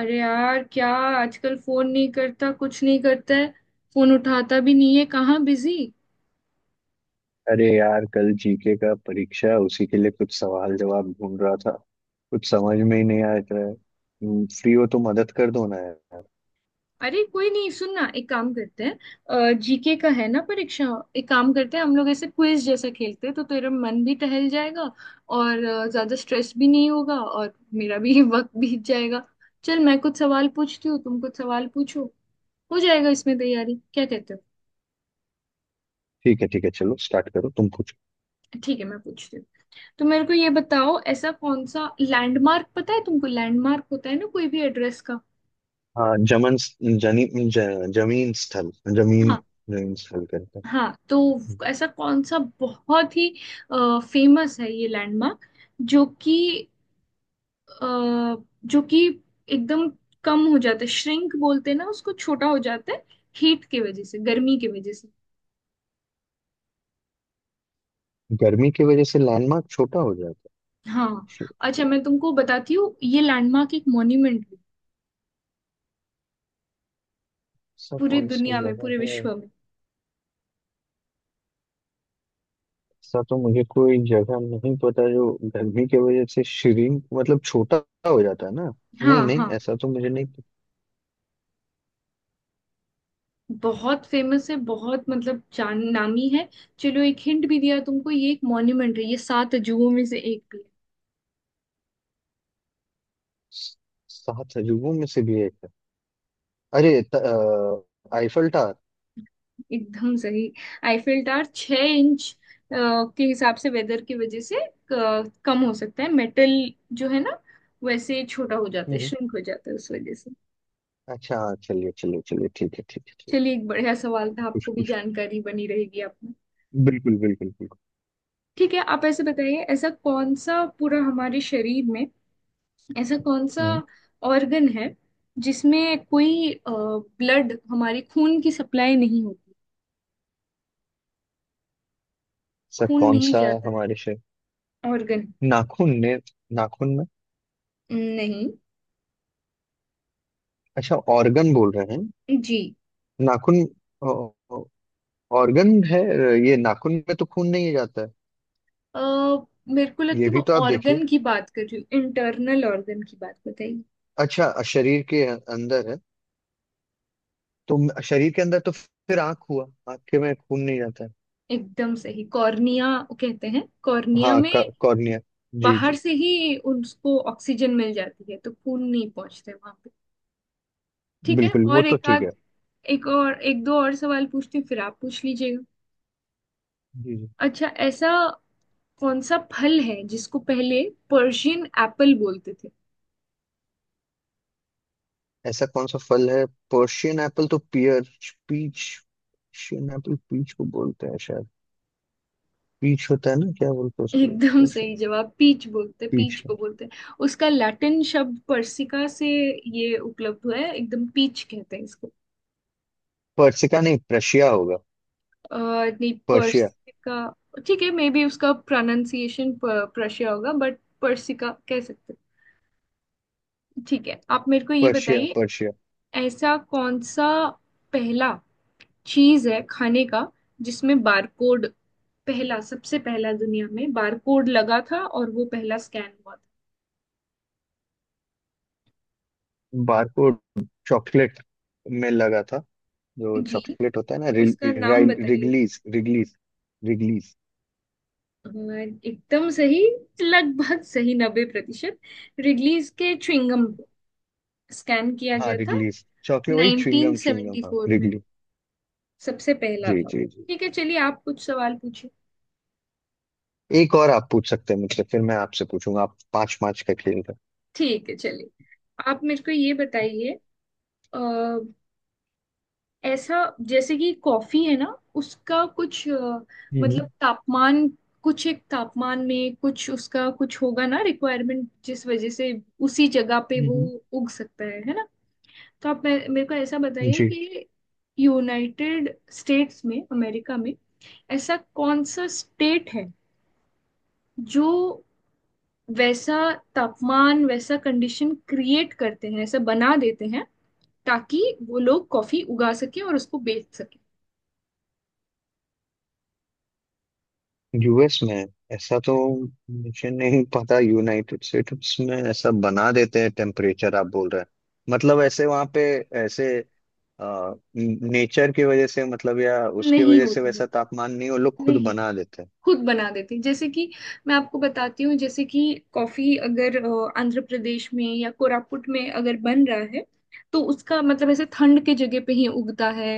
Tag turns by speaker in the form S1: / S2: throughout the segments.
S1: अरे यार, क्या आजकल फोन नहीं करता, कुछ नहीं करता है। फोन उठाता भी नहीं है। कहाँ बिजी।
S2: अरे यार, कल जीके का परीक्षा है, उसी के लिए कुछ सवाल जवाब ढूंढ रहा था। कुछ समझ में ही नहीं आ रहा है। फ्री हो तो मदद कर दो ना यार।
S1: अरे कोई नहीं, सुन ना, एक काम करते हैं, जीके का है ना परीक्षा। एक काम करते हैं, हम लोग ऐसे क्विज जैसा खेलते हैं तो तेरा मन भी टहल जाएगा। और ज्यादा स्ट्रेस भी नहीं होगा और मेरा भी वक्त बीत जाएगा। चल, मैं कुछ सवाल पूछती हूँ, तुम कुछ सवाल पूछो। हो जाएगा इसमें तैयारी, क्या कहते हो?
S2: ठीक है, ठीक है, चलो स्टार्ट करो, तुम पूछो।
S1: ठीक है, मैं पूछती हूँ। तो मेरे को ये बताओ, ऐसा कौन सा लैंडमार्क पता है तुमको? लैंडमार्क होता है ना कोई भी एड्रेस का।
S2: हाँ, जमन, जनी, ज, जमीन स्थल। जमीन।
S1: हाँ,
S2: जमीन स्थल करता है।
S1: हाँ। तो ऐसा कौन सा बहुत ही फेमस है ये लैंडमार्क, जो कि अ, जो कि एकदम कम हो जाता है, श्रिंक बोलते हैं ना उसको, छोटा हो जाता है, हीट की वजह से, गर्मी की वजह से।
S2: गर्मी की वजह से लैंडमार्क छोटा हो जाता
S1: हाँ,
S2: है।
S1: अच्छा मैं तुमको बताती हूँ, ये लैंडमार्क एक मॉन्यूमेंट भी,
S2: ऐसा
S1: पूरी
S2: कौन सा
S1: दुनिया में,
S2: जगह
S1: पूरे
S2: है?
S1: विश्व में।
S2: ऐसा तो मुझे कोई जगह नहीं पता जो गर्मी की वजह से श्रिंक, मतलब छोटा हो जाता है ना।
S1: हाँ,
S2: नहीं, नहीं,
S1: हाँ।
S2: ऐसा तो मुझे नहीं।
S1: बहुत फेमस है, बहुत मतलब जान नामी है। चलो, एक हिंट भी दिया तुमको, ये एक मॉन्यूमेंट है, ये सात अजूबों में से एक भी है।
S2: सात अजूबों में से भी एक है? अरे, आईफल टावर।
S1: एकदम सही। आईफिल टावर 6 इंच अ, के हिसाब से, वेदर की वजह से कम हो सकता है। मेटल जो है ना, वैसे छोटा हो जाता है,
S2: हम्म।
S1: श्रिंक हो जाता है, उस वजह से।
S2: अच्छा, हाँ, चलिए, चलिए, चलिए, ठीक है, ठीक है, ठीक है।
S1: चलिए, एक बढ़िया सवाल था,
S2: हाँ, कुछ
S1: आपको भी
S2: कुछ।
S1: जानकारी बनी रहेगी आपने।
S2: बिल्कुल, बिल्कुल, बिल्कुल।
S1: ठीक है, आप ऐसे बताइए, ऐसा कौन सा पूरा हमारे शरीर में, ऐसा कौन सा
S2: हम्म,
S1: ऑर्गन है जिसमें कोई ब्लड, हमारी खून की सप्लाई नहीं होती,
S2: सर
S1: खून
S2: कौन
S1: नहीं
S2: सा?
S1: जाता है?
S2: हमारे से
S1: ऑर्गन?
S2: नाखून ने। नाखून में।
S1: नहीं
S2: अच्छा, ऑर्गन बोल रहे हैं।
S1: जी।
S2: नाखून। ऑर्गन है। ये नाखून में तो खून नहीं जाता है।
S1: अ, मेरे को
S2: ये
S1: लगता है
S2: भी तो आप
S1: वो,
S2: देखिए।
S1: ऑर्गन की बात कर रही हूँ, इंटरनल ऑर्गन की बात बताइए।
S2: अच्छा, शरीर के अंदर है। तो शरीर के अंदर तो फिर आंख हुआ। आंख के में खून नहीं जाता है।
S1: एकदम सही, कॉर्निया कहते हैं। कॉर्निया
S2: हाँ,
S1: में
S2: कॉर्निया। जी,
S1: बाहर
S2: जी।
S1: से ही उसको ऑक्सीजन मिल जाती है, तो खून नहीं पहुंचते वहां पे। ठीक है,
S2: बिल्कुल, वो
S1: और
S2: तो
S1: एक
S2: ठीक
S1: आध
S2: है।
S1: एक और एक दो और सवाल पूछती हूँ, फिर आप पूछ लीजिएगा।
S2: जी, जी।
S1: अच्छा, ऐसा कौन सा फल है जिसको पहले पर्शियन एप्पल बोलते थे?
S2: ऐसा कौन सा फल है? पर्शियन एप्पल तो pear. Peach. Persian apple peach को बोलते हैं शायद। पीच होता है ना? क्या बोलते हैं उसको?
S1: एकदम सही
S2: पर्शियन
S1: जवाब। पीच बोलते, पीच
S2: पीच
S1: को
S2: है।
S1: बोलते। उसका लैटिन शब्द पर्सिका से ये उपलब्ध हुआ है, एकदम पीच कहते हैं इसको।
S2: पर्सिका नहीं, प्रशिया होगा।
S1: नहीं,
S2: पर्शिया,
S1: पर्सिका। ठीक है, मे बी उसका प्रोनाउंसिएशन प्रशिया होगा, बट पर्सिका कह सकते हैं। ठीक है, आप मेरे को ये
S2: पर्शिया,
S1: बताइए,
S2: पर्शिया।
S1: ऐसा कौन सा पहला चीज है खाने का जिसमें बारकोड, पहला, सबसे पहला दुनिया में बारकोड लगा था और वो पहला स्कैन हुआ
S2: बारकोड चॉकलेट में लगा था। जो
S1: था जी?
S2: चॉकलेट होता है ना, रि,
S1: उसका
S2: रि,
S1: नाम बताइए।
S2: Wrigley's, Wrigley's. रिगलीज।
S1: अ, एकदम सही। लगभग सही 90%। रिडलीज के च्युइंगम को स्कैन किया
S2: हाँ,
S1: गया था
S2: रिगलीज चॉकलेट, वही च्युइंगम, च्युइंगम, हाँ,
S1: 1974 में,
S2: रिगली।
S1: सबसे पहला
S2: जी,
S1: था।
S2: जी, जी।
S1: ठीक है, चलिए आप कुछ सवाल पूछिए।
S2: एक और आप पूछ सकते हैं मुझसे, फिर मैं आपसे पूछूंगा। आप पांच पांच का खेल रहे
S1: ठीक है, चलिए, आप मेरे को ये बताइए। ऐसा, जैसे कि कॉफी है ना, उसका कुछ
S2: हैं। हम्म,
S1: मतलब तापमान, कुछ एक तापमान में कुछ उसका कुछ होगा ना रिक्वायरमेंट, जिस वजह से उसी जगह पे वो
S2: हम्म,
S1: उग सकता है ना? तो आप मेरे को ऐसा बताइए
S2: जी।
S1: कि यूनाइटेड स्टेट्स में, अमेरिका में, ऐसा कौन सा स्टेट है जो वैसा तापमान, वैसा कंडीशन क्रिएट करते हैं, ऐसा बना देते हैं ताकि वो लोग कॉफी उगा सके और उसको बेच सके?
S2: यूएस में? ऐसा तो मुझे नहीं पता। यूनाइटेड स्टेट्स में ऐसा बना देते हैं टेम्परेचर, आप बोल रहे हैं मतलब? ऐसे वहां पे ऐसे नेचर की वजह से मतलब, या उसकी
S1: नहीं
S2: वजह से
S1: होता है।
S2: वैसा तापमान नहीं, वो लोग खुद
S1: नहीं,
S2: बना देते हैं।
S1: खुद बना देती। जैसे कि मैं आपको बताती हूँ, जैसे कि कॉफी अगर आंध्र प्रदेश में या कोरापुट में अगर बन रहा है, तो उसका मतलब ऐसे ठंड के जगह पे ही उगता है।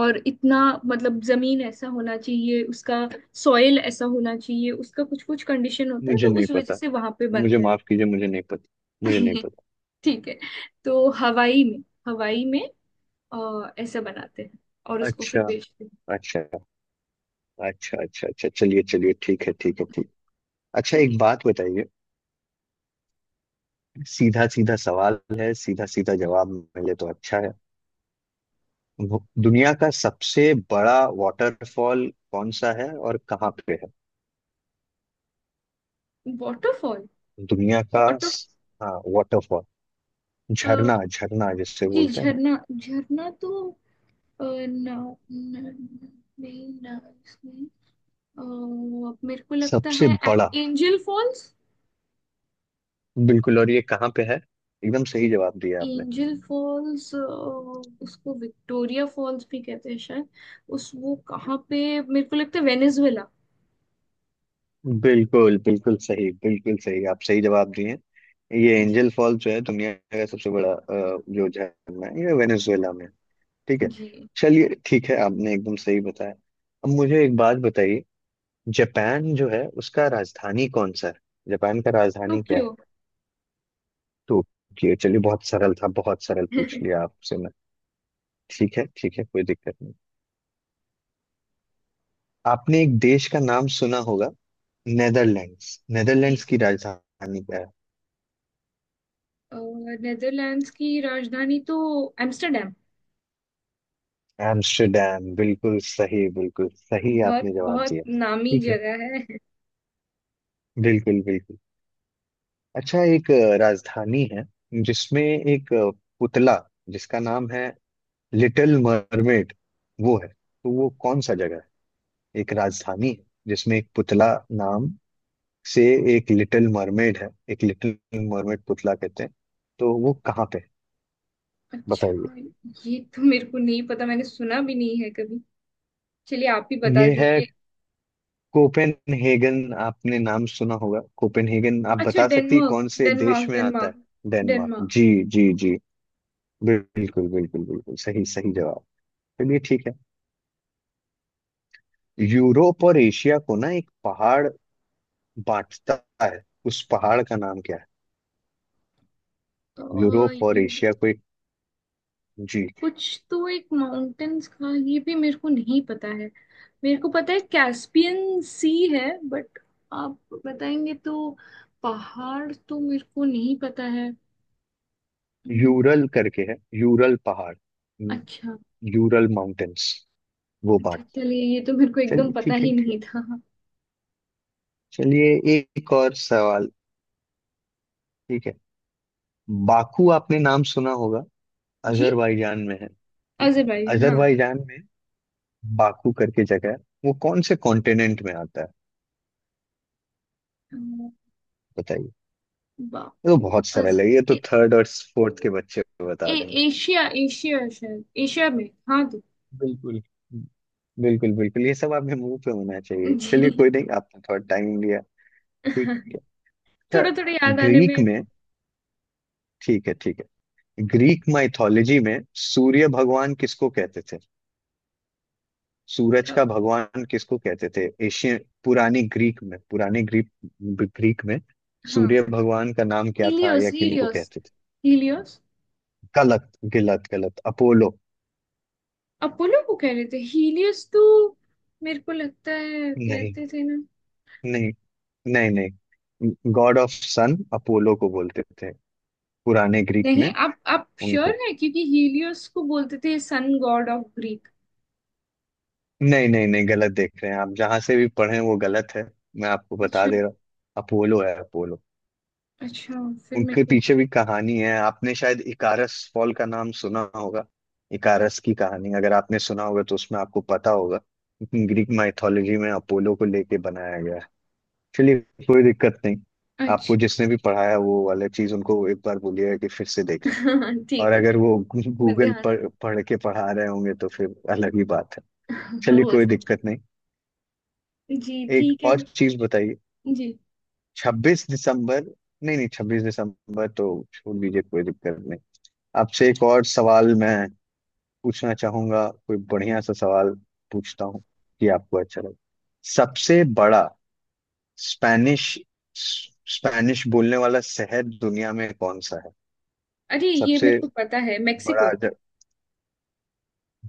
S1: और इतना मतलब जमीन ऐसा होना चाहिए उसका, सॉइल ऐसा होना चाहिए उसका, कुछ कुछ कंडीशन होता है,
S2: मुझे
S1: तो
S2: नहीं
S1: उस वजह
S2: पता।
S1: से वहां पे
S2: मुझे
S1: बनता
S2: माफ कीजिए, मुझे नहीं पता। मुझे नहीं
S1: है।
S2: पता।
S1: ठीक है, तो हवाई में ऐसा बनाते हैं और उसको
S2: अच्छा,
S1: फिर बेचते हैं।
S2: अच्छा, अच्छा, अच्छा, अच्छा, चलिए, चलिए, ठीक है, ठीक है, ठीक। अच्छा, एक
S1: ठीक
S2: बात बताइए। सीधा सीधा सवाल है, सीधा सीधा जवाब मिले तो अच्छा है। दुनिया का सबसे बड़ा वाटरफॉल कौन सा है और कहाँ पे है?
S1: है, वाटरफॉल,
S2: दुनिया का
S1: वाटर।
S2: हाँ, वाटरफॉल, झरना, झरना जिससे
S1: जी,
S2: बोलते हैं।
S1: झरना झरना तो ना, ना, ना, नहीं ना इसमें। अ, मेरे को लगता
S2: सबसे
S1: है
S2: बड़ा।
S1: Angel false.
S2: बिल्कुल, और ये कहाँ पे है? एकदम सही जवाब दिया आपने।
S1: एंजल फॉल्स, उसको विक्टोरिया फॉल्स भी कहते हैं शायद। उस वो कहाँ पे, मेरे को लगता है वेनेजुएला।
S2: बिल्कुल, बिल्कुल सही, बिल्कुल सही। आप सही जवाब दिए हैं। ये एंजल फॉल जो है, दुनिया का सबसे बड़ा जो झरना है, ये वेनेजुएला में है। ठीक है।
S1: जी,
S2: चलिए, ठीक है, आपने एकदम सही बताया। अब मुझे एक बात बताइए। जापान जो है, उसका राजधानी कौन सा है? जापान का राजधानी क्या
S1: टोक्यो।
S2: है? टोक्यो, चलिए बहुत सरल था, बहुत सरल पूछ लिया आपसे मैं। ठीक है, ठीक है, कोई दिक्कत नहीं। आपने एक देश का नाम सुना होगा, नेदरलैंड्स।
S1: जी,
S2: नेदरलैंड्स की राजधानी क्या
S1: नेदरलैंड्स की राजधानी तो एम्स्टरडेम,
S2: है? एम्स्टर्डम। बिल्कुल सही, बिल्कुल सही
S1: बहुत
S2: आपने जवाब
S1: बहुत
S2: दिया।
S1: नामी
S2: ठीक है।
S1: जगह है।
S2: बिल्कुल, बिल्कुल। अच्छा, एक राजधानी है जिसमें एक पुतला, जिसका नाम है लिटिल मरमेड। वो है तो वो कौन सा जगह है? एक राजधानी है जिसमें एक पुतला नाम से, एक लिटिल मरमेड है, एक लिटिल मरमेड पुतला कहते हैं। तो वो कहाँ पे है?
S1: अच्छा,
S2: बताइए।
S1: ये तो मेरे को नहीं पता, मैंने सुना भी नहीं है कभी। चलिए, आप ही बता
S2: ये है
S1: दीजिए।
S2: कोपेनहेगन। आपने नाम सुना होगा कोपेनहेगन? आप
S1: अच्छा,
S2: बता सकती है
S1: डेनमार्क,
S2: कौन से देश
S1: डेनमार्क,
S2: में आता है?
S1: Denmark,
S2: Denmark,
S1: Denmark.
S2: जी। जी, जी। बिल्कुल, बिल्कुल, बिल्कुल सही, सही जवाब। चलिए, ठीक है। यूरोप और एशिया को ना एक पहाड़ बांटता है, उस पहाड़ का नाम क्या है?
S1: तो
S2: यूरोप और
S1: यू,
S2: एशिया को एक। जी,
S1: कुछ, तो एक माउंटेन्स का ये भी मेरे को नहीं पता है। मेरे को पता है कैस्पियन सी है, बट आप बताएंगे तो। पहाड़ तो मेरे को नहीं पता है। हम्म।
S2: यूरल करके है, यूरल पहाड़। यू-
S1: अच्छा,
S2: यूरल माउंटेन्स, वो
S1: अच्छा,
S2: बात।
S1: चलिए, ये तो मेरे को एकदम
S2: चलिए,
S1: पता
S2: ठीक है,
S1: ही
S2: ठीक।
S1: नहीं था।
S2: चलिए, एक और सवाल। ठीक है। बाकू, आपने नाम सुना होगा,
S1: जी,
S2: अजरबैजान में है, ठीक है?
S1: अजरबैजान, हाँ।
S2: अजरबैजान में बाकू करके जगह है, वो कौन से कॉन्टिनेंट में आता है?
S1: अ,
S2: बताइए, ये
S1: बा-
S2: तो बहुत सरल
S1: अज,
S2: है, ये तो
S1: ए,
S2: थर्ड और फोर्थ के बच्चे
S1: ए,
S2: बता देंगे।
S1: एशिया एशिया शायद एशिया में, हाँ तो।
S2: बिल्कुल, बिल्कुल, बिल्कुल, ये सब आपके मुंह पे होना चाहिए। चलिए
S1: जी।
S2: कोई नहीं, आपने थोड़ा टाइम लिया। ठीक है। अच्छा,
S1: थोड़ा थोड़ा याद आने
S2: ग्रीक
S1: में।
S2: में, ठीक है, ठीक है, ग्रीक माइथोलॉजी में सूर्य भगवान किसको कहते थे? सूरज
S1: अ,
S2: का भगवान किसको कहते थे एशियन? पुरानी ग्रीक में, पुराने ग्रीक, ग्रीक में सूर्य
S1: हाँ,
S2: भगवान का नाम क्या था
S1: हीलियोस,
S2: या किनको
S1: हीलियोस,
S2: कहते थे?
S1: हीलियोस।
S2: गलत, गलत, गलत, अपोलो।
S1: अपोलो को कह रहे थे हीलियोस तो, मेरे को लगता है
S2: नहीं,
S1: कहते थे ना।
S2: नहीं, नहीं, नहीं, गॉड ऑफ सन अपोलो को बोलते थे। पुराने ग्रीक
S1: नहीं,
S2: में,
S1: आप श्योर
S2: उनको।
S1: है, क्योंकि हीलियोस को बोलते थे सन गॉड ऑफ ग्रीक।
S2: नहीं, नहीं, नहीं, गलत देख रहे हैं आप, जहां से भी पढ़े वो गलत है। मैं आपको बता
S1: अच्छा,
S2: दे रहा हूँ, अपोलो है, अपोलो।
S1: अच्छा, फिर मेरे
S2: उनके
S1: को नहीं।
S2: पीछे भी कहानी है, आपने शायद इकारस फॉल का नाम सुना होगा। इकारस की कहानी अगर आपने सुना होगा तो उसमें आपको पता होगा, लेकिन ग्रीक माइथोलॉजी में अपोलो को लेके बनाया गया है। चलिए, कोई दिक्कत नहीं।
S1: अच्छा।
S2: आपको जिसने भी पढ़ाया, वो वाला चीज उनको एक बार बोलिएगा कि फिर से देखें। और
S1: ठीक है,
S2: अगर
S1: ठीक।
S2: वो
S1: मैं
S2: गूगल
S1: ध्यान रख
S2: पर पढ़ के पढ़ा रहे होंगे तो फिर अलग ही बात है। चलिए,
S1: हो
S2: कोई
S1: सकता
S2: दिक्कत नहीं।
S1: है। जी,
S2: एक
S1: ठीक है।
S2: और चीज बताइए।
S1: जी,
S2: 26 दिसंबर, नहीं नहीं, 26 दिसंबर तो छोड़ दीजिए, कोई दिक्कत नहीं। आपसे एक और सवाल मैं पूछना चाहूंगा, कोई बढ़िया सा सवाल पूछता हूँ कि आपको अच्छा लगे। सबसे बड़ा स्पेनिश, स्पेनिश बोलने वाला शहर दुनिया में कौन सा है?
S1: अरे ये मेरे
S2: सबसे
S1: को पता है,
S2: बड़ा
S1: मेक्सिको।
S2: ज...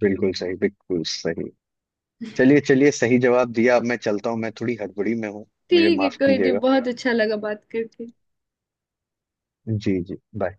S2: बिल्कुल सही, बिल्कुल सही। चलिए, चलिए, सही जवाब दिया। अब मैं चलता हूँ, मैं थोड़ी हड़बड़ी में हूँ। मुझे
S1: ठीक है,
S2: माफ
S1: कोई नहीं,
S2: कीजिएगा।
S1: बहुत अच्छा लगा बात करके।
S2: जी, जी, बाय।